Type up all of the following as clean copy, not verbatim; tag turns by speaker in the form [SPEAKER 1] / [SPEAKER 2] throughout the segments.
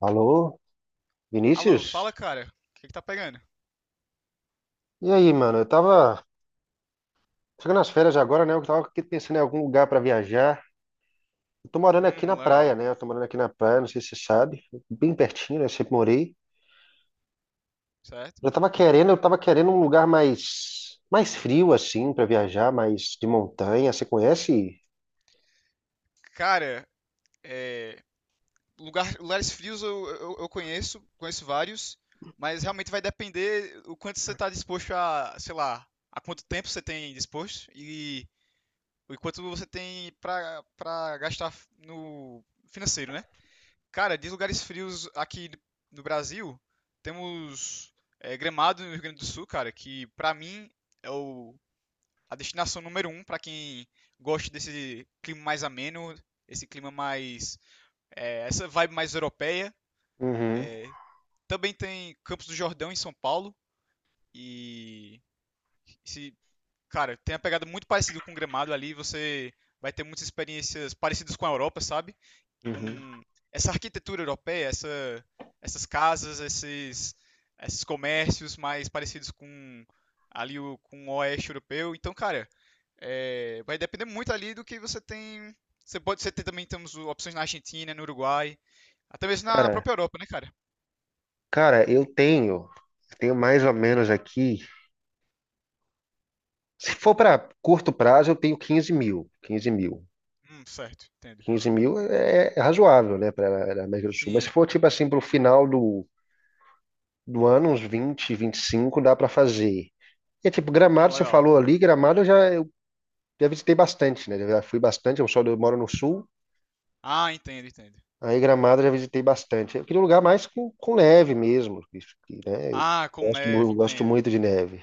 [SPEAKER 1] Alô,
[SPEAKER 2] Alô, fala,
[SPEAKER 1] Vinícius?
[SPEAKER 2] cara. O que que tá pegando?
[SPEAKER 1] E aí, mano? Eu tava chegando nas férias agora, né? Eu tava aqui pensando em algum lugar pra viajar. Eu tô morando aqui na praia,
[SPEAKER 2] Legal.
[SPEAKER 1] né? Eu tô morando aqui na praia, não sei se você sabe, bem pertinho, né? Eu sempre morei.
[SPEAKER 2] Certo?
[SPEAKER 1] Eu tava querendo um lugar mais frio assim pra viajar, mais de montanha. Você conhece?
[SPEAKER 2] Cara, é, lugares frios eu conheço, conheço vários, mas realmente vai depender o quanto você tá disposto a, sei lá, a quanto tempo você tem disposto e o quanto você tem pra gastar no financeiro, né? Cara, de lugares frios aqui no Brasil, temos Gramado no Rio Grande do Sul, cara, que pra mim é o a destinação número um para quem gosta desse clima mais ameno, esse clima mais. É, essa vibe mais europeia.
[SPEAKER 1] Uhum,
[SPEAKER 2] Também tem Campos do Jordão em São Paulo. E. Esse, Cara, tem uma pegada muito parecida com o Gramado ali. Você vai ter muitas experiências parecidas com a Europa, sabe?
[SPEAKER 1] uhum.
[SPEAKER 2] Com essa arquitetura europeia, essas casas, esses comércios mais parecidos com o oeste europeu. Então, cara, É, vai depender muito ali do que você tem. Também temos opções na Argentina, no Uruguai, até mesmo na
[SPEAKER 1] Cara,
[SPEAKER 2] própria Europa, né, cara?
[SPEAKER 1] cara, eu tenho mais ou menos aqui. Se for pra curto prazo, eu tenho 15.000, 15.000.
[SPEAKER 2] Certo, entendo.
[SPEAKER 1] Quinze mil é razoável, né, para a América do Sul. Mas se
[SPEAKER 2] Sim,
[SPEAKER 1] for, tipo assim, para o final do ano, uns vinte e cinco dá para fazer. E, é tipo, Gramado, você
[SPEAKER 2] legal.
[SPEAKER 1] falou ali, Gramado eu já visitei bastante, né? Eu já fui bastante, eu moro no sul,
[SPEAKER 2] Ah, entendo, entendo.
[SPEAKER 1] aí Gramado eu já visitei bastante. Eu queria um lugar mais com neve mesmo, isso que, né? Eu
[SPEAKER 2] Ah, com
[SPEAKER 1] gosto,
[SPEAKER 2] neve,
[SPEAKER 1] mu- gosto
[SPEAKER 2] entendo.
[SPEAKER 1] muito de neve.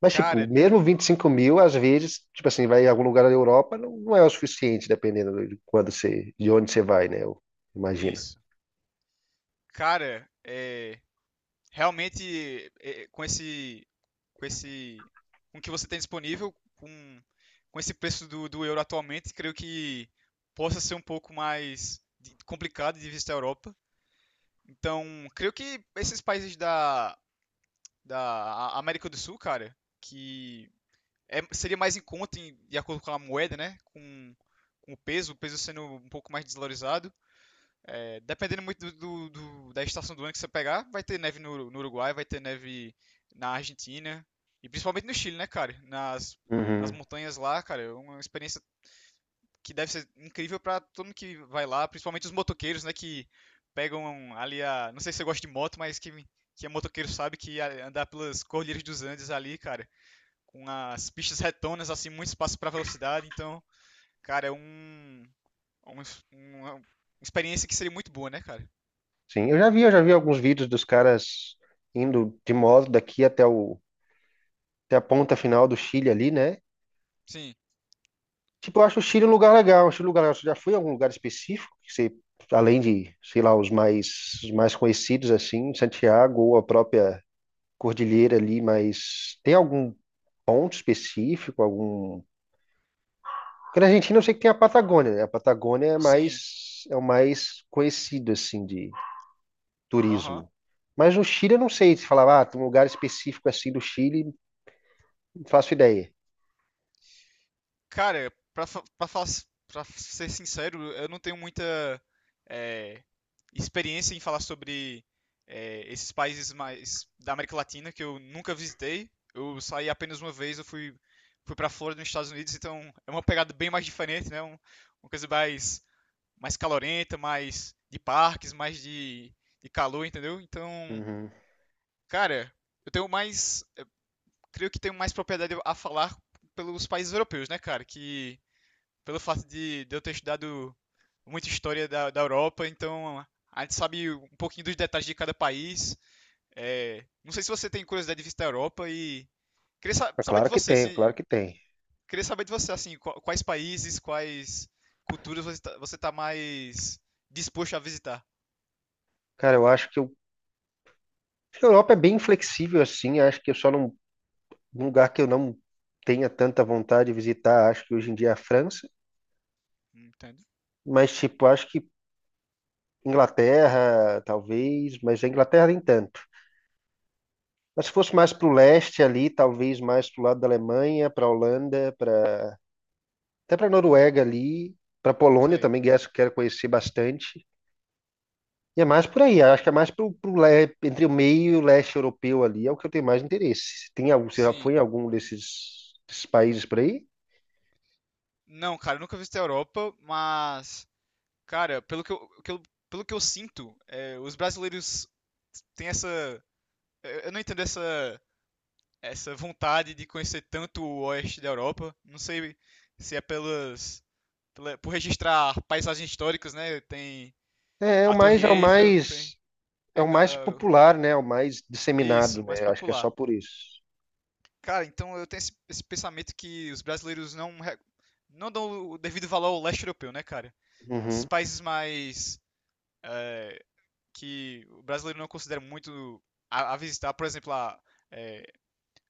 [SPEAKER 1] Mas, tipo,
[SPEAKER 2] Cara,
[SPEAKER 1] mesmo 25.000, às vezes, tipo assim, vai em algum lugar da Europa, não é o suficiente, dependendo de quando você, de onde você vai, né? Eu, imagina.
[SPEAKER 2] isso. Cara, é, realmente é, com esse, com o que você tem disponível, com esse preço do euro atualmente, creio que possa ser um pouco complicado de visitar a Europa. Então, creio que esses países da América do Sul, cara, que seria mais em conta de acordo com a moeda, né? Com o peso sendo um pouco mais desvalorizado. É, dependendo muito da estação do ano que você pegar, vai ter neve no Uruguai, vai ter neve na Argentina e principalmente no Chile, né, cara? Nas
[SPEAKER 1] Uhum.
[SPEAKER 2] montanhas lá, cara, é uma experiência que deve ser incrível pra todo mundo que vai lá, principalmente os motoqueiros, né, que pegam ali a, não sei se você gosta de moto, mas que é motoqueiro sabe que andar pelas cordilheiras dos Andes ali, cara, com as pistas retonas assim, muito espaço pra velocidade, então, cara, é um- é uma experiência que seria muito boa, né, cara?
[SPEAKER 1] Sim, eu já vi alguns vídeos dos caras indo de moto daqui até a ponta final do Chile ali, né?
[SPEAKER 2] Sim.
[SPEAKER 1] Tipo, eu acho o Chile um lugar legal, acho um lugar legal. Você já foi em algum lugar específico que você, além de, sei lá, os mais conhecidos assim, Santiago ou a própria cordilheira ali, mas tem algum ponto específico, algum? Porque na Argentina eu sei que tem a Patagônia, né? A Patagônia é
[SPEAKER 2] Sim.
[SPEAKER 1] mais é o mais conhecido assim de
[SPEAKER 2] Aham.
[SPEAKER 1] turismo. Mas no Chile eu não sei se falava, ah, tem um lugar específico assim do Chile. Não faço ideia.
[SPEAKER 2] Cara, pra, fa- pra, fa- Pra ser sincero, eu não tenho muita eh, experiência em falar sobre esses países mais da América Latina que eu nunca visitei. Eu saí apenas uma vez, fui pra Flórida, nos Estados Unidos, então é uma pegada bem mais diferente, né? Uma coisa mais, mais calorenta, mais de parques, de calor, entendeu? Então,
[SPEAKER 1] Uhum.
[SPEAKER 2] cara, eu tenho mais, creio que tenho mais propriedade a falar pelos países europeus, né, cara? Que pelo fato de eu ter estudado muita história da Europa, então a gente sabe um pouquinho dos detalhes de cada país. É, não sei se você tem curiosidade de visitar a Europa e
[SPEAKER 1] Mas
[SPEAKER 2] saber de
[SPEAKER 1] claro que
[SPEAKER 2] você,
[SPEAKER 1] tem, é claro
[SPEAKER 2] se
[SPEAKER 1] que tem.
[SPEAKER 2] queria saber de você assim, qua- quais países, quais culturas você tá mais disposto a visitar,
[SPEAKER 1] Cara, eu acho que a Europa é bem flexível assim. Acho que eu só não. Um lugar que eu não tenha tanta vontade de visitar, acho que hoje em dia é a França.
[SPEAKER 2] entende?
[SPEAKER 1] Mas, tipo, acho que Inglaterra, talvez. Mas a Inglaterra nem tanto. Mas se fosse mais pro leste ali, talvez mais pro lado da Alemanha, pra Holanda, até pra Noruega ali. Pra Polônia
[SPEAKER 2] Sei.
[SPEAKER 1] também, que é essa eu quero conhecer bastante. E é mais por aí, acho que é mais entre o meio e o leste europeu ali, é o que eu tenho mais interesse. Tem algum, você já
[SPEAKER 2] Sim.
[SPEAKER 1] foi em algum desses países por aí?
[SPEAKER 2] Não, cara, eu nunca visitei a Europa, mas cara, pelo que eu sinto, é, os brasileiros têm essa eu não entendo essa vontade de conhecer tanto o oeste da Europa. Não sei se é por registrar paisagens históricas, né? Tem
[SPEAKER 1] É, é o
[SPEAKER 2] a Torre
[SPEAKER 1] mais, é o
[SPEAKER 2] Eiffel, tem
[SPEAKER 1] mais, é
[SPEAKER 2] a
[SPEAKER 1] o
[SPEAKER 2] Ingla-
[SPEAKER 1] mais
[SPEAKER 2] ah,
[SPEAKER 1] popular, né? É o mais disseminado,
[SPEAKER 2] isso, mais
[SPEAKER 1] né? Acho que é
[SPEAKER 2] popular.
[SPEAKER 1] só por isso.
[SPEAKER 2] Cara, então eu tenho esse pensamento que os brasileiros não dão o devido valor ao leste europeu, né, cara? Esses
[SPEAKER 1] Uhum,
[SPEAKER 2] países mais que o brasileiro não considera muito a visitar, por exemplo, a,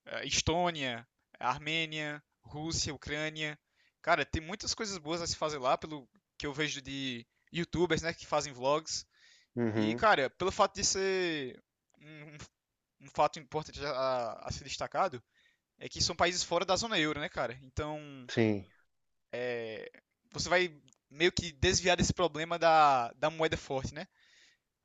[SPEAKER 2] eh, Estônia, Armênia, Rússia, Ucrânia. Cara, tem muitas coisas boas a se fazer lá, pelo que eu vejo de YouTubers, né, que fazem vlogs. E,
[SPEAKER 1] uhum,
[SPEAKER 2] cara, pelo fato de ser um, um- um fato importante a ser destacado, é que são países fora da zona euro, né, cara? Então,
[SPEAKER 1] sim,
[SPEAKER 2] eh, você vai meio que desviar desse problema da moeda forte, né?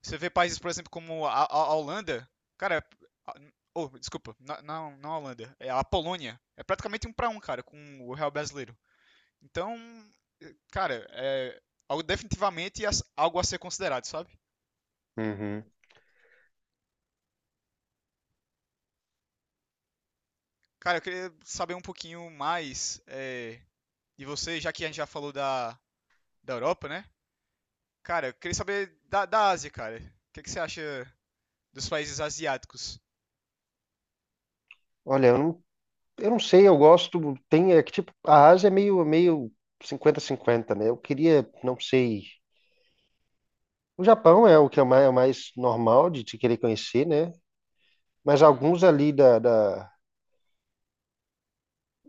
[SPEAKER 2] Você vê países, por exemplo, como a Holanda, cara, a- oh, desculpa, não a Holanda, é a Polônia. É praticamente um pra um, cara, com o real brasileiro. Então, cara, é algo definitivamente algo a ser considerado, sabe?
[SPEAKER 1] uhum.
[SPEAKER 2] Cara, eu queria saber um pouquinho mais de você, já que a gente já falou da Europa, né? Cara, eu queria saber da Ásia, cara. O que que você acha dos países asiáticos?
[SPEAKER 1] Olha, eu não sei, eu gosto, tem, é que tipo, a Ásia é meio cinquenta cinquenta, né? Eu queria, não sei, o Japão é o que é o mais normal de te querer conhecer, né? Mas
[SPEAKER 2] Uhum,
[SPEAKER 1] alguns ali da, da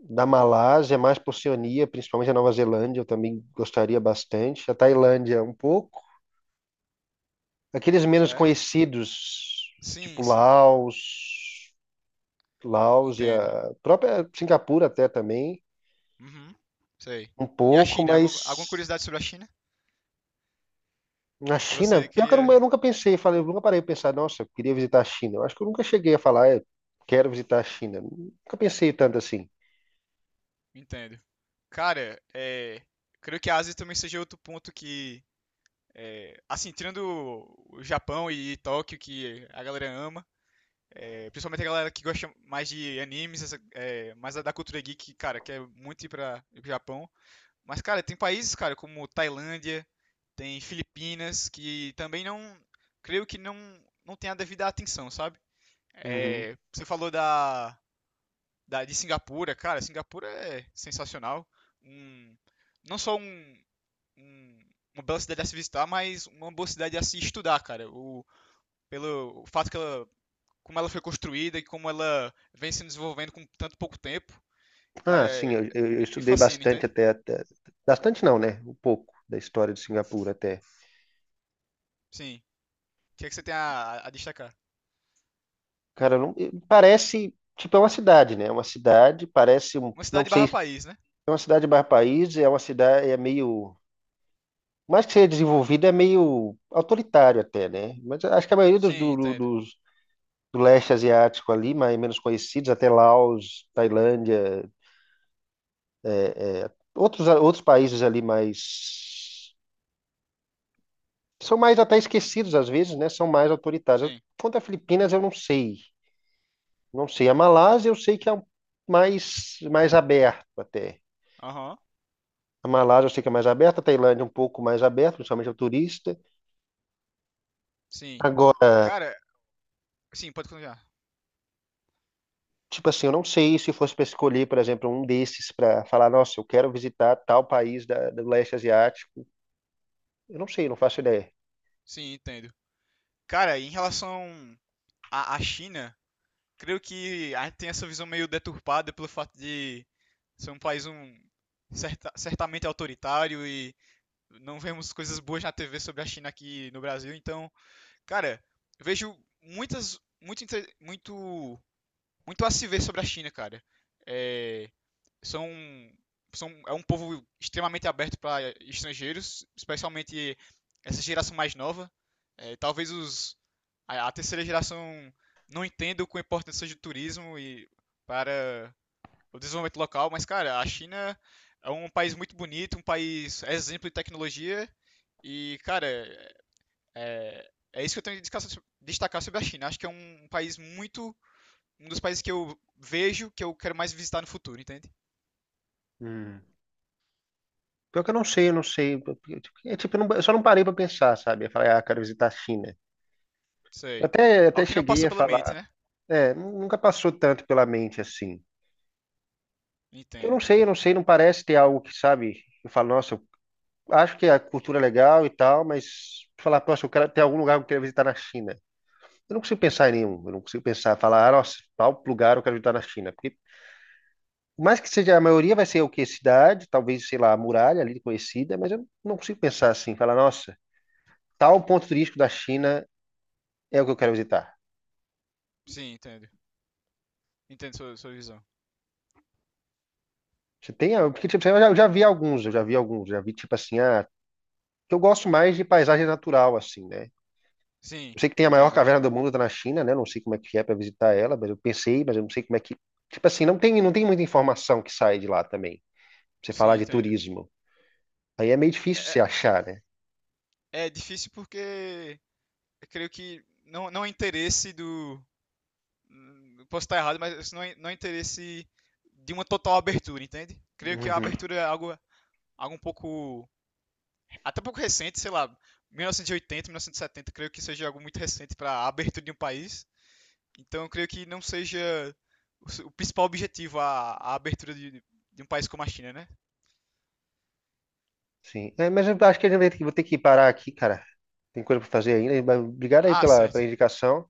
[SPEAKER 1] Da Malásia, mais por Oceania, principalmente a Nova Zelândia, eu também gostaria bastante. A Tailândia, um pouco. Aqueles menos
[SPEAKER 2] certo?
[SPEAKER 1] conhecidos,
[SPEAKER 2] Sim,
[SPEAKER 1] tipo
[SPEAKER 2] sim,
[SPEAKER 1] Laos, Laos e
[SPEAKER 2] entendo.
[SPEAKER 1] a própria Singapura até também,
[SPEAKER 2] Uhum, sei.
[SPEAKER 1] um
[SPEAKER 2] E a
[SPEAKER 1] pouco,
[SPEAKER 2] China? Alguma, alguma
[SPEAKER 1] mas
[SPEAKER 2] curiosidade sobre a China
[SPEAKER 1] na
[SPEAKER 2] que
[SPEAKER 1] China,
[SPEAKER 2] você
[SPEAKER 1] pior que eu, não-
[SPEAKER 2] queria?
[SPEAKER 1] eu nunca pensei, falei, eu nunca parei de pensar, nossa, eu queria visitar a China. Eu acho que eu nunca cheguei a falar, eu quero visitar a China. Nunca pensei tanto assim.
[SPEAKER 2] Entendo. Cara, é, creio que a Ásia também seja outro ponto que, é, assim, tirando o Japão e Tóquio, que a galera ama, é, principalmente a galera que gosta mais de animes, mais da cultura geek, cara, quer muito ir para o Japão. Mas, cara, tem países, cara, como Tailândia, tem Filipinas, que também não, creio que não, não tem a devida atenção, sabe?
[SPEAKER 1] Uhum.
[SPEAKER 2] É, você falou de Singapura, cara, Singapura é sensacional. Um, não só um- um- Uma bela cidade a se visitar, mas uma boa cidade a se estudar, cara. Pelo o fato que ela, como ela foi construída e como ela vem se desenvolvendo com tanto pouco tempo, cara,
[SPEAKER 1] Ah, sim, eu
[SPEAKER 2] me
[SPEAKER 1] estudei
[SPEAKER 2] fascina,
[SPEAKER 1] bastante
[SPEAKER 2] entende?
[SPEAKER 1] até, até- Bastante não, né? Um pouco da história de Singapura até.
[SPEAKER 2] Sim. O que é que você tem a destacar?
[SPEAKER 1] Cara, não, parece. Tipo, é uma cidade, né? É uma cidade, parece.
[SPEAKER 2] Uma
[SPEAKER 1] Não
[SPEAKER 2] cidade
[SPEAKER 1] sei.
[SPEAKER 2] barra país, né?
[SPEAKER 1] É uma cidade barra país, é uma cidade. É meio. Mais que seja desenvolvida, é meio autoritário até, né? Mas acho que a maioria dos,
[SPEAKER 2] Sim,
[SPEAKER 1] do, do-
[SPEAKER 2] entendo.
[SPEAKER 1] dos, do leste asiático ali, mais menos conhecidos, até Laos, Tailândia, outros países ali mais. São mais até esquecidos às vezes, né? São mais autoritários.
[SPEAKER 2] Sim.
[SPEAKER 1] Quanto a Filipinas, eu não sei. Não sei. A Malásia, eu sei que é mais aberto até.
[SPEAKER 2] Aham.
[SPEAKER 1] A Malásia, eu sei que é mais aberta. A Tailândia, um pouco mais aberta, principalmente ao turista.
[SPEAKER 2] Sim.
[SPEAKER 1] Agora,
[SPEAKER 2] Cara, sim, pode continuar.
[SPEAKER 1] tipo assim, eu não sei se fosse para escolher, por exemplo, um desses para falar, nossa, eu quero visitar tal país do leste asiático. Eu não sei, não faço ideia.
[SPEAKER 2] Sim, entendo. Cara, em relação a China, creio que a gente tem essa visão meio deturpada pelo fato de ser um país certamente autoritário e não vemos coisas boas na TV sobre a China aqui no Brasil. Então, cara, eu vejo muitas, muito, inte- muito muito a se ver sobre a China, cara. É, são, é um povo extremamente aberto para estrangeiros, especialmente essa geração mais nova. É, talvez terceira geração não entenda com a importância do turismo e para o desenvolvimento local, mas, cara, a China é um país muito bonito, um país exemplo de tecnologia. E, cara, é, é isso que eu tenho de destacar sobre a China. Acho que é um país muito dos países que eu vejo que eu quero mais visitar no futuro, entende?
[SPEAKER 1] Hum. Pior que eu não sei, eu não sei. É tipo, eu só não parei para pensar, sabe? Eu falei, ah, quero visitar a China.
[SPEAKER 2] Sei.
[SPEAKER 1] Até
[SPEAKER 2] Algo que não
[SPEAKER 1] cheguei
[SPEAKER 2] passou
[SPEAKER 1] a
[SPEAKER 2] pela mente,
[SPEAKER 1] falar.
[SPEAKER 2] né?
[SPEAKER 1] É, nunca passou tanto pela mente assim.
[SPEAKER 2] Entendo,
[SPEAKER 1] Eu
[SPEAKER 2] entendo.
[SPEAKER 1] não sei, não parece ter algo que, sabe, eu falo, nossa, eu acho que a cultura é legal e tal, mas falar, nossa, eu quero ter algum lugar que eu quero visitar na China. Eu não consigo pensar em nenhum, eu não consigo pensar, falar, ah, nossa, tal lugar eu quero visitar na China. Porque, por mais que seja, a maioria vai ser o quê? Cidade, talvez, sei lá, a muralha ali conhecida, mas eu não consigo pensar assim, falar, nossa, tal ponto turístico da China é o que eu quero visitar.
[SPEAKER 2] Sim, entendo. Entendo sua, sua visão.
[SPEAKER 1] Você tem, porque tipo, eu já vi alguns, eu já vi alguns, já vi tipo assim, ah, que eu gosto mais de paisagem natural, assim, né?
[SPEAKER 2] Sim,
[SPEAKER 1] Eu sei que tem a maior
[SPEAKER 2] entendo.
[SPEAKER 1] caverna do mundo, tá na China, né? Não sei como é que é para visitar ela, mas eu pensei, mas eu não sei como é que. Tipo assim, não tem muita informação que sai de lá também. Pra você
[SPEAKER 2] Sim,
[SPEAKER 1] falar de
[SPEAKER 2] entendo.
[SPEAKER 1] turismo. Aí é meio
[SPEAKER 2] É,
[SPEAKER 1] difícil
[SPEAKER 2] é
[SPEAKER 1] você achar, né?
[SPEAKER 2] é difícil porque eu creio que não é interesse do. Hum, posso estar errado, mas não é interesse de uma total abertura, entende? Creio que a
[SPEAKER 1] Uhum,
[SPEAKER 2] abertura é algo, algo um pouco. Até um pouco recente, sei lá, 1980, 1970, creio que seja algo muito recente para a abertura de um país. Então eu creio que não seja o principal objetivo a abertura de um país como a China, né?
[SPEAKER 1] sim. É, mas eu acho que eu vou ter que parar aqui, cara. Tem coisa para fazer ainda. Mas obrigado aí
[SPEAKER 2] Ah,
[SPEAKER 1] pela
[SPEAKER 2] certo.
[SPEAKER 1] indicação.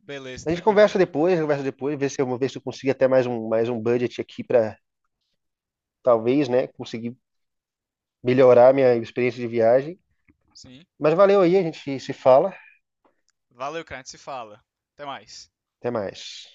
[SPEAKER 2] Beleza,
[SPEAKER 1] A gente
[SPEAKER 2] tranquilo, cara.
[SPEAKER 1] conversa depois, ver se eu consigo até mais um budget aqui para talvez, né, conseguir melhorar minha experiência de viagem.
[SPEAKER 2] Sim.
[SPEAKER 1] Mas valeu aí, a gente se fala.
[SPEAKER 2] Valeu, cara. A gente se fala. Até mais.
[SPEAKER 1] Até mais.